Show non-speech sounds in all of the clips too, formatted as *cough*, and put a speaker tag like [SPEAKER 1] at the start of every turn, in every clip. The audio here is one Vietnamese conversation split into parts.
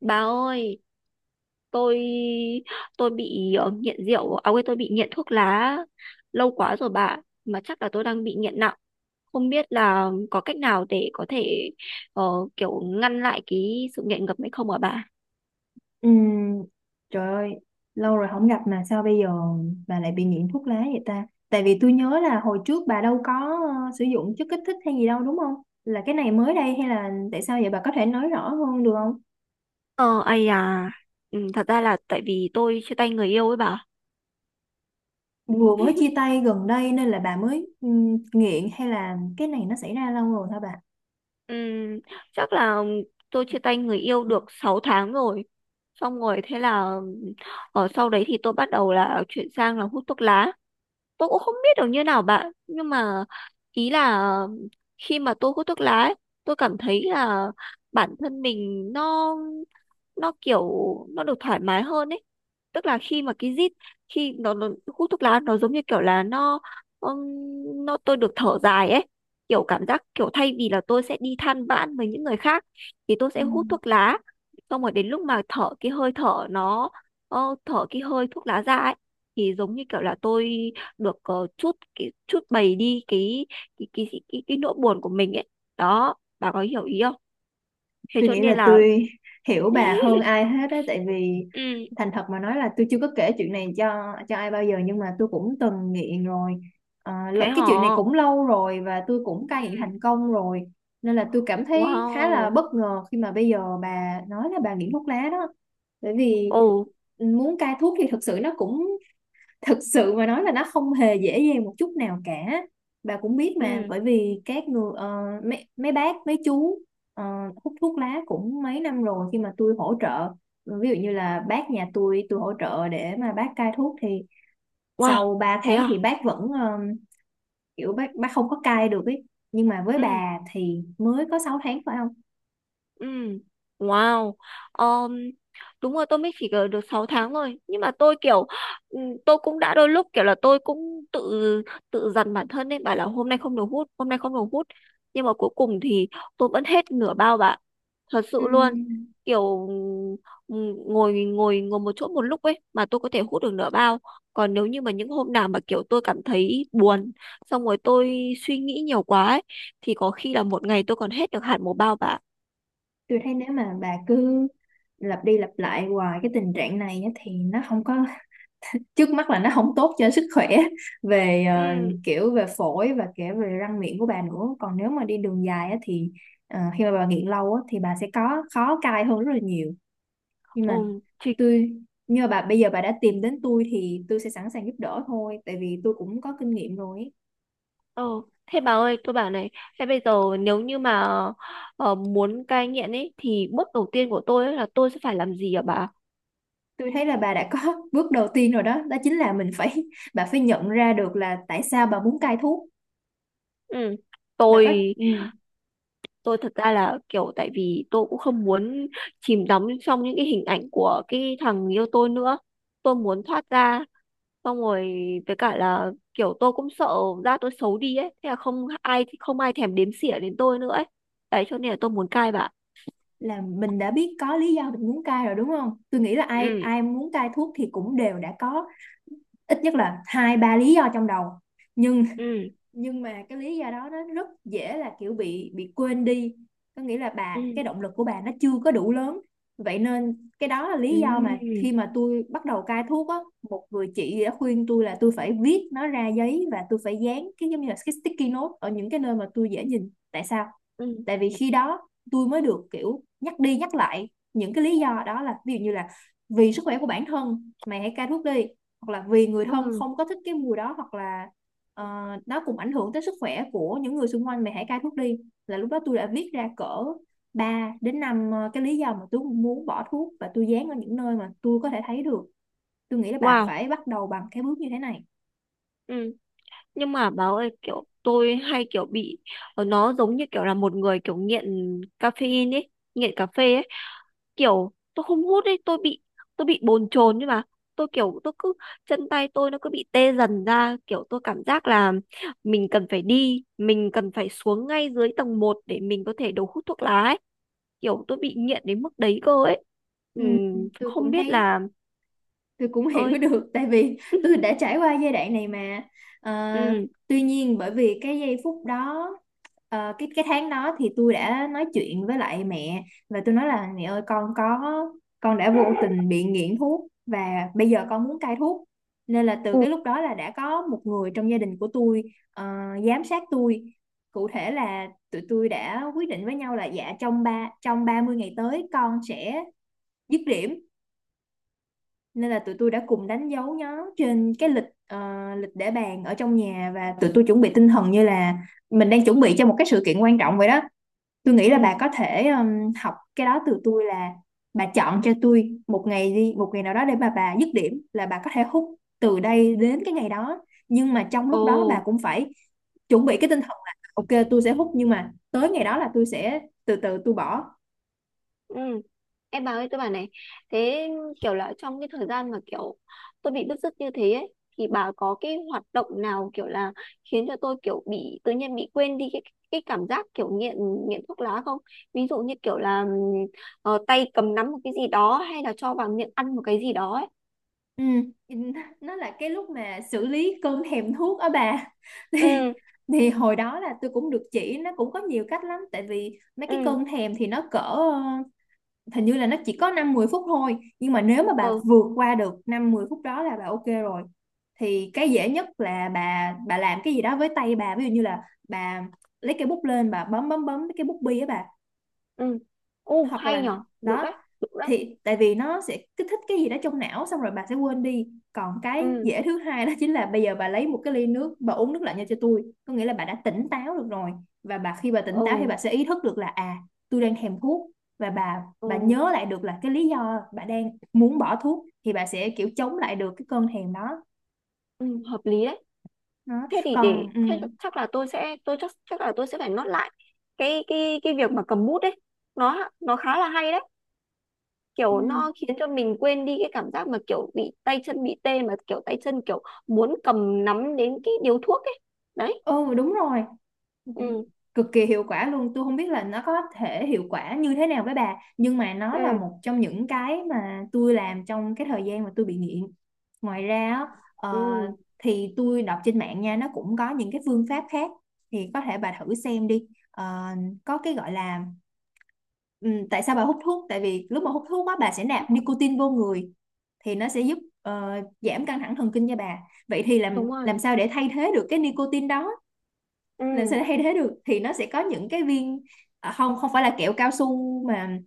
[SPEAKER 1] Bà ơi, tôi tôi bị nghiện rượu, à quên tôi bị nghiện thuốc lá lâu quá rồi bà, mà chắc là tôi đang bị nghiện nặng. Không biết là có cách nào để có thể ờ, kiểu ngăn lại cái sự nghiện ngập ấy không hả bà?
[SPEAKER 2] Ừm, Trời ơi, lâu rồi không gặp mà sao bây giờ bà lại bị nghiện thuốc lá vậy ta? Tại vì tôi nhớ là hồi trước bà đâu có sử dụng chất kích thích hay gì đâu đúng không? Là cái này mới đây hay là tại sao vậy bà có thể nói rõ hơn được không?
[SPEAKER 1] Ờ, ai à, ừ, thật ra là tại vì tôi chia tay người yêu ấy bà.
[SPEAKER 2] Vừa mới chia tay gần đây nên là bà mới nghiện hay là cái này nó xảy ra lâu rồi hả bà?
[SPEAKER 1] Ừ, chắc là tôi chia tay người yêu được 6 tháng rồi. Xong rồi thế là ở sau đấy thì tôi bắt đầu là chuyển sang là hút thuốc lá, tôi cũng không biết được như nào bạn nhưng mà ý là khi mà tôi hút thuốc lá ấy, tôi cảm thấy là bản thân mình nó kiểu nó được thoải mái hơn ấy, tức là khi mà cái rít khi nó hút thuốc lá nó giống như kiểu là nó tôi được thở dài ấy, kiểu cảm giác kiểu thay vì là tôi sẽ đi than vãn với những người khác thì tôi
[SPEAKER 2] Ừ.
[SPEAKER 1] sẽ hút thuốc lá, xong rồi đến lúc mà thở cái hơi thở nó ờ, thở cái hơi thuốc lá ra ấy thì giống như kiểu là tôi được chút cái chút bày đi cái nỗi buồn của mình ấy, đó bà có hiểu ý không, thế
[SPEAKER 2] Tôi
[SPEAKER 1] cho
[SPEAKER 2] nghĩ
[SPEAKER 1] nên
[SPEAKER 2] là
[SPEAKER 1] là
[SPEAKER 2] tôi hiểu bà hơn ai hết á, tại vì
[SPEAKER 1] ừ
[SPEAKER 2] thành thật mà nói là tôi chưa có kể chuyện này cho ai bao giờ, nhưng mà tôi cũng từng nghiện rồi.
[SPEAKER 1] thế
[SPEAKER 2] Cái
[SPEAKER 1] hả.
[SPEAKER 2] chuyện này cũng lâu rồi và tôi cũng cai
[SPEAKER 1] Ừ.
[SPEAKER 2] nghiện thành công rồi, nên là tôi cảm thấy khá là
[SPEAKER 1] Wow.
[SPEAKER 2] bất ngờ khi mà bây giờ bà nói là bà nghiện thuốc lá đó. Bởi vì
[SPEAKER 1] Ồ.
[SPEAKER 2] muốn cai thuốc thì thực sự nó cũng thực sự mà nói là nó không hề dễ dàng một chút nào cả. Bà cũng biết mà,
[SPEAKER 1] Ừ.
[SPEAKER 2] bởi vì các người mấy mấy bác mấy chú ờ, hút thuốc lá cũng mấy năm rồi. Khi mà tôi hỗ trợ, ví dụ như là bác nhà tôi hỗ trợ để mà bác cai thuốc, thì
[SPEAKER 1] Wow.
[SPEAKER 2] sau 3
[SPEAKER 1] Thế
[SPEAKER 2] tháng
[SPEAKER 1] à?
[SPEAKER 2] thì bác vẫn kiểu bác không có cai được ấy. Nhưng mà với
[SPEAKER 1] Ừ.
[SPEAKER 2] bà thì mới có 6 tháng phải không?
[SPEAKER 1] Ừ. Wow. Um, đúng rồi tôi mới chỉ ở được 6 tháng thôi nhưng mà tôi kiểu ừ, tôi cũng đã đôi lúc kiểu là tôi cũng tự tự dằn bản thân ấy bảo là hôm nay không được hút hôm nay không được hút nhưng mà cuối cùng thì tôi vẫn hết nửa bao bạn, thật sự luôn,
[SPEAKER 2] Ừm,
[SPEAKER 1] kiểu ừ, ngồi ngồi ngồi một chỗ một lúc ấy mà tôi có thể hút được nửa bao, còn nếu như mà những hôm nào mà kiểu tôi cảm thấy buồn xong rồi tôi suy nghĩ nhiều quá ấy, thì có khi là một ngày tôi còn hết được hẳn một bao bạn.
[SPEAKER 2] tôi thấy nếu mà bà cứ lặp đi lặp lại hoài cái tình trạng này á, thì nó không có, trước mắt là nó không tốt cho sức khỏe *laughs* về
[SPEAKER 1] Ừ.
[SPEAKER 2] kiểu về phổi và kể về răng miệng của bà nữa. Còn nếu mà đi đường dài á, thì khi mà bà nghiện lâu á, thì bà sẽ có khó cai hơn rất là nhiều. Nhưng mà
[SPEAKER 1] Ừ, thì,
[SPEAKER 2] tôi như bà bây giờ bà đã tìm đến tôi thì tôi sẽ sẵn sàng giúp đỡ thôi, tại vì tôi cũng có kinh nghiệm rồi ấy.
[SPEAKER 1] ờ, thế bà ơi tôi bảo này, thế bây giờ nếu như mà muốn cai nghiện ấy thì bước đầu tiên của tôi ấy là tôi sẽ phải làm gì hả bà?
[SPEAKER 2] Tôi thấy là bà đã có *laughs* bước đầu tiên rồi, đó đó chính là mình phải, bà phải nhận ra được là tại sao bà muốn cai thuốc.
[SPEAKER 1] Ừ.
[SPEAKER 2] Bà có
[SPEAKER 1] tôi tôi thật ra là kiểu tại vì tôi cũng không muốn chìm đắm trong những cái hình ảnh của cái thằng yêu tôi nữa, tôi muốn thoát ra, xong rồi với cả là kiểu tôi cũng sợ da tôi xấu đi ấy thế là không ai không ai thèm đếm xỉa đến tôi nữa ấy, đấy cho nên là tôi muốn cai bà.
[SPEAKER 2] là mình đã biết có lý do mình muốn cai rồi đúng không? Tôi nghĩ là ai
[SPEAKER 1] Ừ.
[SPEAKER 2] ai muốn cai thuốc thì cũng đều đã có ít nhất là hai ba lý do trong đầu. Nhưng
[SPEAKER 1] Ừ.
[SPEAKER 2] nhưng mà cái lý do đó nó rất dễ là kiểu bị quên đi, có nghĩa là cái
[SPEAKER 1] Ừ.
[SPEAKER 2] động lực của bà nó chưa có đủ lớn. Vậy nên cái đó là
[SPEAKER 1] Ừ.
[SPEAKER 2] lý do mà khi mà tôi bắt đầu cai thuốc á, một người chị đã khuyên tôi là tôi phải viết nó ra giấy, và tôi phải dán cái giống như là cái sticky note ở những cái nơi mà tôi dễ nhìn. Tại sao?
[SPEAKER 1] Ừ.
[SPEAKER 2] Tại vì khi đó tôi mới được kiểu nhắc đi nhắc lại những cái lý do đó. Là ví dụ như là vì sức khỏe của bản thân mày hãy cai thuốc đi, hoặc là vì người thân
[SPEAKER 1] Ừ.
[SPEAKER 2] không có thích cái mùi đó, hoặc là Ờ, nó cũng ảnh hưởng tới sức khỏe của những người xung quanh mày hãy cai thuốc đi. Là lúc đó tôi đã viết ra cỡ 3 đến 5 cái lý do mà tôi muốn bỏ thuốc, và tôi dán ở những nơi mà tôi có thể thấy được. Tôi nghĩ là bà
[SPEAKER 1] Wow.
[SPEAKER 2] phải bắt đầu bằng cái bước như thế này.
[SPEAKER 1] Ừ. Nhưng mà báo ơi kiểu tôi hay kiểu bị nó giống như kiểu là một người kiểu nghiện caffeine ấy, nghiện cà phê ấy, kiểu tôi không hút ấy tôi bị bồn chồn nhưng mà tôi kiểu tôi cứ chân tay tôi nó cứ bị tê dần ra kiểu tôi cảm giác là mình cần phải đi mình cần phải xuống ngay dưới tầng một để mình có thể đầu hút thuốc lá ấy, kiểu tôi bị nghiện đến mức đấy cơ ấy. Ừ,
[SPEAKER 2] ừ, tôi
[SPEAKER 1] không
[SPEAKER 2] cũng
[SPEAKER 1] biết
[SPEAKER 2] thấy,
[SPEAKER 1] là
[SPEAKER 2] tôi cũng hiểu *laughs*
[SPEAKER 1] ơi
[SPEAKER 2] được, tại vì tôi
[SPEAKER 1] *laughs*
[SPEAKER 2] đã trải qua giai đoạn này mà. Ờ,
[SPEAKER 1] ừ.
[SPEAKER 2] Tuy nhiên bởi vì cái giây phút đó, cái tháng đó thì tôi đã nói chuyện với lại mẹ, và tôi nói là mẹ ơi con có, con đã vô tình bị nghiện thuốc và bây giờ con muốn cai thuốc. Nên là từ
[SPEAKER 1] Ừ.
[SPEAKER 2] cái lúc đó là đã có một người trong gia đình của tôi ờ, giám sát tôi. Cụ thể là tụi tôi đã quyết định với nhau là dạ trong trong 30 ngày tới con sẽ dứt điểm. Nên là tụi tôi đã cùng đánh dấu nó trên cái lịch, lịch để bàn ở trong nhà, và tụi tôi chuẩn bị tinh thần như là mình đang chuẩn bị cho một cái sự kiện quan trọng vậy đó. Tôi nghĩ là
[SPEAKER 1] Ừ.
[SPEAKER 2] bà có thể học cái đó từ tôi, là bà chọn cho tôi một ngày đi, một ngày nào đó để bà dứt điểm, là bà có thể hút từ đây đến cái ngày đó. Nhưng mà trong
[SPEAKER 1] Ồ,
[SPEAKER 2] lúc đó bà cũng phải chuẩn bị cái tinh thần là ok tôi sẽ hút nhưng mà tới ngày đó là tôi sẽ từ từ tôi bỏ.
[SPEAKER 1] ừ. Em bà ơi, tôi bảo này, thế kiểu là trong cái thời gian mà kiểu tôi bị bứt rứt như thế ấy, thì bà có cái hoạt động nào kiểu là khiến cho tôi kiểu bị tự nhiên bị quên đi cái cảm giác kiểu nghiện nghiện thuốc lá không? Ví dụ như kiểu là tay cầm nắm một cái gì đó hay là cho vào miệng ăn một cái gì đó ấy.
[SPEAKER 2] Ừ, nó là cái lúc mà xử lý cơn thèm thuốc ở bà. *laughs* Thì
[SPEAKER 1] Ừ,
[SPEAKER 2] hồi đó là tôi cũng được chỉ, nó cũng có nhiều cách lắm. Tại vì mấy cái
[SPEAKER 1] ừ,
[SPEAKER 2] cơn thèm thì nó cỡ hình như là nó chỉ có 5 10 phút thôi, nhưng mà nếu mà bà
[SPEAKER 1] ừ,
[SPEAKER 2] vượt qua được 5 10 phút đó là bà ok rồi. Thì cái dễ nhất là bà làm cái gì đó với tay bà, ví dụ như là bà lấy cái bút lên bà bấm bấm bấm cái bút bi á bà,
[SPEAKER 1] ừ. Ồ,
[SPEAKER 2] hoặc
[SPEAKER 1] hay
[SPEAKER 2] là
[SPEAKER 1] nhở, được
[SPEAKER 2] đó.
[SPEAKER 1] đấy, được đấy.
[SPEAKER 2] Thì tại vì nó sẽ kích thích cái gì đó trong não xong rồi bà sẽ quên đi. Còn cái
[SPEAKER 1] Ừ,
[SPEAKER 2] dễ thứ hai đó chính là bây giờ bà lấy một cái ly nước bà uống nước lạnh nha cho tôi, có nghĩa là bà đã tỉnh táo được rồi. Và khi bà tỉnh
[SPEAKER 1] ồ,
[SPEAKER 2] táo thì bà sẽ ý thức được là à tôi đang thèm thuốc, và bà
[SPEAKER 1] ồ,
[SPEAKER 2] nhớ lại được là cái lý do bà đang muốn bỏ thuốc thì bà sẽ kiểu chống lại được cái cơn thèm đó.
[SPEAKER 1] ừ, hợp lý đấy.
[SPEAKER 2] Đó
[SPEAKER 1] Thế thì để
[SPEAKER 2] còn
[SPEAKER 1] thế chắc là tôi chắc chắc là tôi sẽ phải nốt lại cái việc mà cầm bút đấy, nó khá là hay đấy,
[SPEAKER 2] ừ,
[SPEAKER 1] kiểu nó khiến cho mình quên đi cái cảm giác mà kiểu bị tay chân bị tê mà kiểu tay chân kiểu muốn cầm nắm đến cái điếu thuốc ấy, đấy.
[SPEAKER 2] ừ đúng rồi,
[SPEAKER 1] Ừ.
[SPEAKER 2] cực kỳ hiệu quả luôn. Tôi không biết là nó có thể hiệu quả như thế nào với bà, nhưng mà nó là
[SPEAKER 1] Ừ.
[SPEAKER 2] một trong những cái mà tôi làm trong cái thời gian mà tôi bị nghiện. Ngoài ra á,
[SPEAKER 1] Ừ,
[SPEAKER 2] ờ, thì tôi đọc trên mạng nha, nó cũng có những cái phương pháp khác thì có thể bà thử xem đi. Ờ, có cái gọi là tại sao bà hút thuốc? Tại vì lúc mà hút thuốc á bà sẽ nạp nicotine vô người thì nó sẽ giúp giảm căng thẳng thần kinh cho bà. Vậy thì
[SPEAKER 1] đúng rồi.
[SPEAKER 2] làm sao để thay thế được cái nicotine đó, làm sao
[SPEAKER 1] Ừ.
[SPEAKER 2] để thay thế được thì nó sẽ có những cái viên, à, không không phải là kẹo cao su mà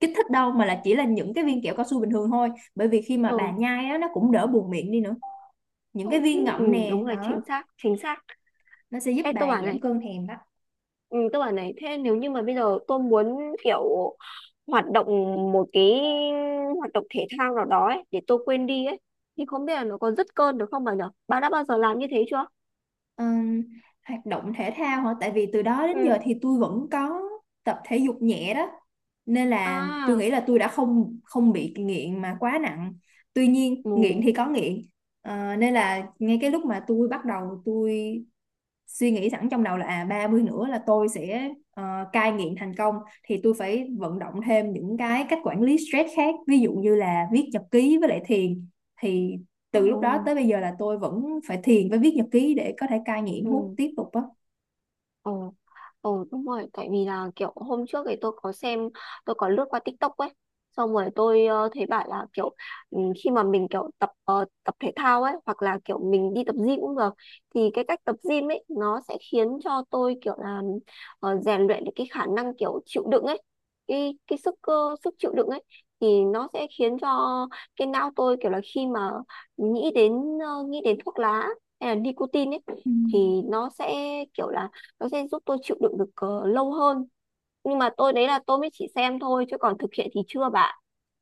[SPEAKER 2] kích thích đâu, mà là chỉ là những cái viên kẹo cao su bình thường thôi. Bởi vì khi mà bà
[SPEAKER 1] Ừ,
[SPEAKER 2] nhai á nó cũng đỡ buồn miệng đi nữa, những cái
[SPEAKER 1] ừ,
[SPEAKER 2] viên
[SPEAKER 1] chính, ừ
[SPEAKER 2] ngậm nè
[SPEAKER 1] đúng
[SPEAKER 2] đó,
[SPEAKER 1] rồi, chính xác chính xác.
[SPEAKER 2] nó sẽ giúp
[SPEAKER 1] Ê tôi
[SPEAKER 2] bà
[SPEAKER 1] bảo
[SPEAKER 2] giảm
[SPEAKER 1] này,
[SPEAKER 2] cơn thèm đó.
[SPEAKER 1] ừ, tôi bảo này thế nếu như mà bây giờ tôi muốn kiểu hoạt động một cái hoạt động thể thao nào đó ấy, để tôi quên đi ấy thì không biết là nó có dứt cơn được không bà nhở, bà đã bao giờ làm như thế chưa?
[SPEAKER 2] Ừm, Hoạt động thể thao hả? Tại vì từ đó đến
[SPEAKER 1] Ừ.
[SPEAKER 2] giờ thì tôi vẫn có tập thể dục nhẹ đó, nên là tôi
[SPEAKER 1] À.
[SPEAKER 2] nghĩ là tôi đã không không bị nghiện mà quá nặng. Tuy nhiên nghiện
[SPEAKER 1] Ừ.
[SPEAKER 2] thì có nghiện. Nên là ngay cái lúc mà tôi bắt đầu suy nghĩ sẵn trong đầu là à 30 nữa là tôi sẽ cai nghiện thành công, thì tôi phải vận động thêm những cái cách quản lý stress khác, ví dụ như là viết nhật ký với lại thiền. Thì từ lúc đó
[SPEAKER 1] Ừ.
[SPEAKER 2] tới bây giờ là tôi vẫn phải thiền với viết nhật ký để có thể cai nghiện hút
[SPEAKER 1] Ừ.
[SPEAKER 2] tiếp tục á.
[SPEAKER 1] Ừ. Ừ đúng rồi, tại vì là kiểu hôm trước thì tôi có xem, tôi có lướt qua TikTok ấy, xong rồi tôi thấy bảo là kiểu ừ, khi mà mình kiểu tập tập thể thao ấy, hoặc là kiểu mình đi tập gym cũng được, thì cái cách tập gym ấy nó sẽ khiến cho tôi kiểu là rèn luyện được cái khả năng kiểu chịu đựng ấy, cái sức cơ sức chịu đựng ấy, thì nó sẽ khiến cho cái não tôi kiểu là khi mà nghĩ đến nghĩ đến thuốc lá hay là nicotine ấy,
[SPEAKER 2] Ừ,
[SPEAKER 1] thì nó sẽ kiểu là nó sẽ giúp tôi chịu đựng được lâu hơn, nhưng mà tôi đấy là tôi mới chỉ xem thôi chứ còn thực hiện thì chưa bạn,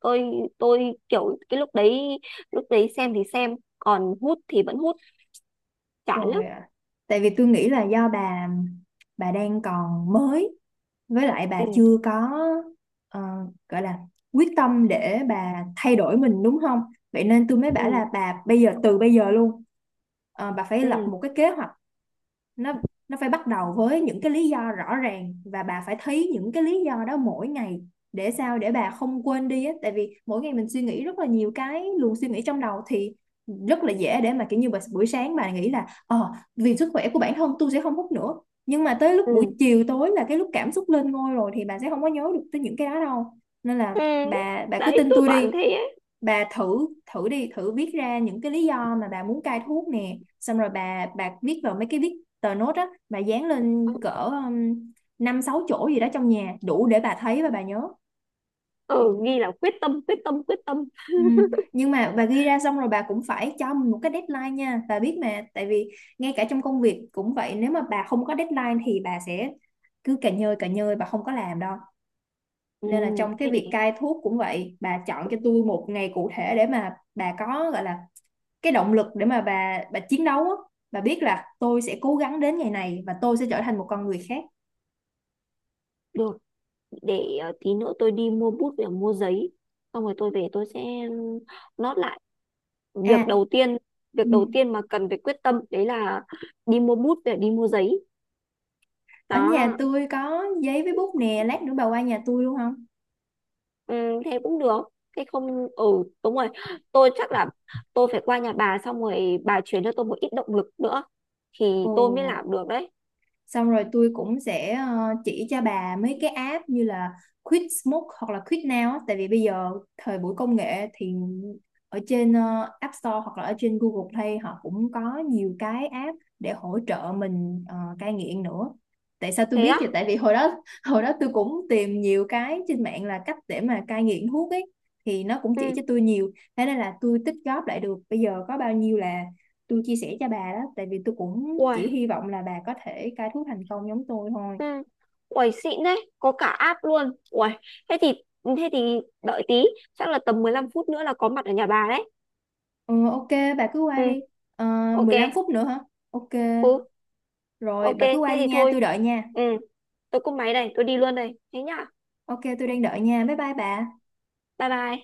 [SPEAKER 1] tôi tôi kiểu cái lúc đấy xem thì xem còn hút thì vẫn hút, chán lắm.
[SPEAKER 2] rồi ạ. Tại vì tôi nghĩ là do bà đang còn mới, với lại bà
[SPEAKER 1] Ừ.
[SPEAKER 2] chưa có ờ, gọi là quyết tâm để bà thay đổi mình đúng không? Vậy nên tôi mới bảo
[SPEAKER 1] Ừ.
[SPEAKER 2] là bà bây giờ từ bây giờ luôn bà phải
[SPEAKER 1] Ừ.
[SPEAKER 2] lập một cái kế hoạch. nó nó phải bắt đầu với những cái lý do rõ ràng và bà phải thấy những cái lý do đó mỗi ngày, để sao để bà không quên đi á. Tại vì mỗi ngày mình suy nghĩ rất là nhiều cái luồng suy nghĩ trong đầu thì rất là dễ để mà kiểu như bà, buổi sáng bà nghĩ là ờ vì sức khỏe của bản thân tôi sẽ không hút nữa, nhưng mà tới lúc buổi
[SPEAKER 1] Ừ.
[SPEAKER 2] chiều tối là cái lúc cảm xúc lên ngôi rồi thì bà sẽ không có nhớ được tới những cái đó đâu. Nên là
[SPEAKER 1] Ừ,
[SPEAKER 2] bà cứ
[SPEAKER 1] đấy
[SPEAKER 2] tin
[SPEAKER 1] tôi
[SPEAKER 2] tôi đi.
[SPEAKER 1] toàn thế ấy.
[SPEAKER 2] Bà thử, thử đi, thử viết ra những cái lý do mà bà muốn cai thuốc nè, xong rồi bà viết vào mấy cái viết, tờ nốt á bà dán lên cỡ năm sáu chỗ gì đó trong nhà đủ để bà thấy và bà nhớ.
[SPEAKER 1] Ừ, ghi là quyết tâm quyết tâm quyết tâm.
[SPEAKER 2] Ừ. Nhưng mà bà ghi ra xong rồi bà cũng phải cho mình một cái deadline nha bà biết mà. Tại vì ngay cả trong công việc cũng vậy, nếu mà bà không có deadline thì bà sẽ cứ cà nhơi bà không có làm đâu.
[SPEAKER 1] Ừ
[SPEAKER 2] Nên là trong
[SPEAKER 1] thế
[SPEAKER 2] cái
[SPEAKER 1] để
[SPEAKER 2] việc cai thuốc cũng vậy, bà chọn cho tôi một ngày cụ thể để mà bà có gọi là cái động lực để mà bà chiến đấu á. Bà biết là tôi sẽ cố gắng đến ngày này và tôi sẽ trở thành một con người khác.
[SPEAKER 1] được để tí nữa tôi đi mua bút và mua giấy xong rồi tôi về tôi sẽ nốt lại
[SPEAKER 2] À,
[SPEAKER 1] việc đầu tiên, việc
[SPEAKER 2] ừ.
[SPEAKER 1] đầu tiên mà cần phải quyết tâm đấy là đi mua bút để đi mua giấy.
[SPEAKER 2] Ở nhà
[SPEAKER 1] Đó,
[SPEAKER 2] tôi có giấy với bút nè, lát nữa bà qua nhà tôi luôn không?
[SPEAKER 1] ừ, thế cũng được, thế không ừ đúng rồi, tôi chắc là tôi phải qua nhà bà xong rồi bà chuyển cho tôi một ít động lực nữa thì
[SPEAKER 2] Ồ,
[SPEAKER 1] tôi mới làm được đấy.
[SPEAKER 2] xong rồi tôi cũng sẽ chỉ cho bà mấy cái app như là Quit Smoke hoặc là Quit Now á. Tại vì bây giờ thời buổi công nghệ thì ở trên App Store hoặc là ở trên Google Play họ cũng có nhiều cái app để hỗ trợ mình cai nghiện nữa. Tại sao tôi
[SPEAKER 1] Thế
[SPEAKER 2] biết
[SPEAKER 1] á?
[SPEAKER 2] vậy? Tại vì hồi đó *laughs* hồi đó tôi cũng tìm nhiều cái trên mạng là cách để mà cai nghiện thuốc ấy, thì nó cũng chỉ
[SPEAKER 1] Ừ.
[SPEAKER 2] cho tôi nhiều, thế nên là tôi tích góp lại được bây giờ có bao nhiêu là tôi chia sẻ cho bà đó. Tại vì tôi cũng chỉ
[SPEAKER 1] Uầy.
[SPEAKER 2] hy vọng là bà có thể cai thuốc thành công giống tôi thôi.
[SPEAKER 1] Ừ. Uầy xịn đấy, có cả app luôn. Uầy, thế thì đợi tí, chắc là tầm 15 phút nữa là có mặt ở nhà bà đấy.
[SPEAKER 2] Ừ, ok, bà cứ qua
[SPEAKER 1] Ừ.
[SPEAKER 2] đi. Ờ,
[SPEAKER 1] Ok.
[SPEAKER 2] 15 phút nữa hả? Ok.
[SPEAKER 1] Ừ.
[SPEAKER 2] Rồi
[SPEAKER 1] Ok
[SPEAKER 2] bà cứ qua
[SPEAKER 1] thế
[SPEAKER 2] đi
[SPEAKER 1] thì
[SPEAKER 2] nha
[SPEAKER 1] thôi.
[SPEAKER 2] tôi đợi nha.
[SPEAKER 1] Ừ, tôi cúp máy đây, tôi đi luôn đây, thế nhá.
[SPEAKER 2] Ok tôi đang đợi nha, bye bye bà.
[SPEAKER 1] Bye bye.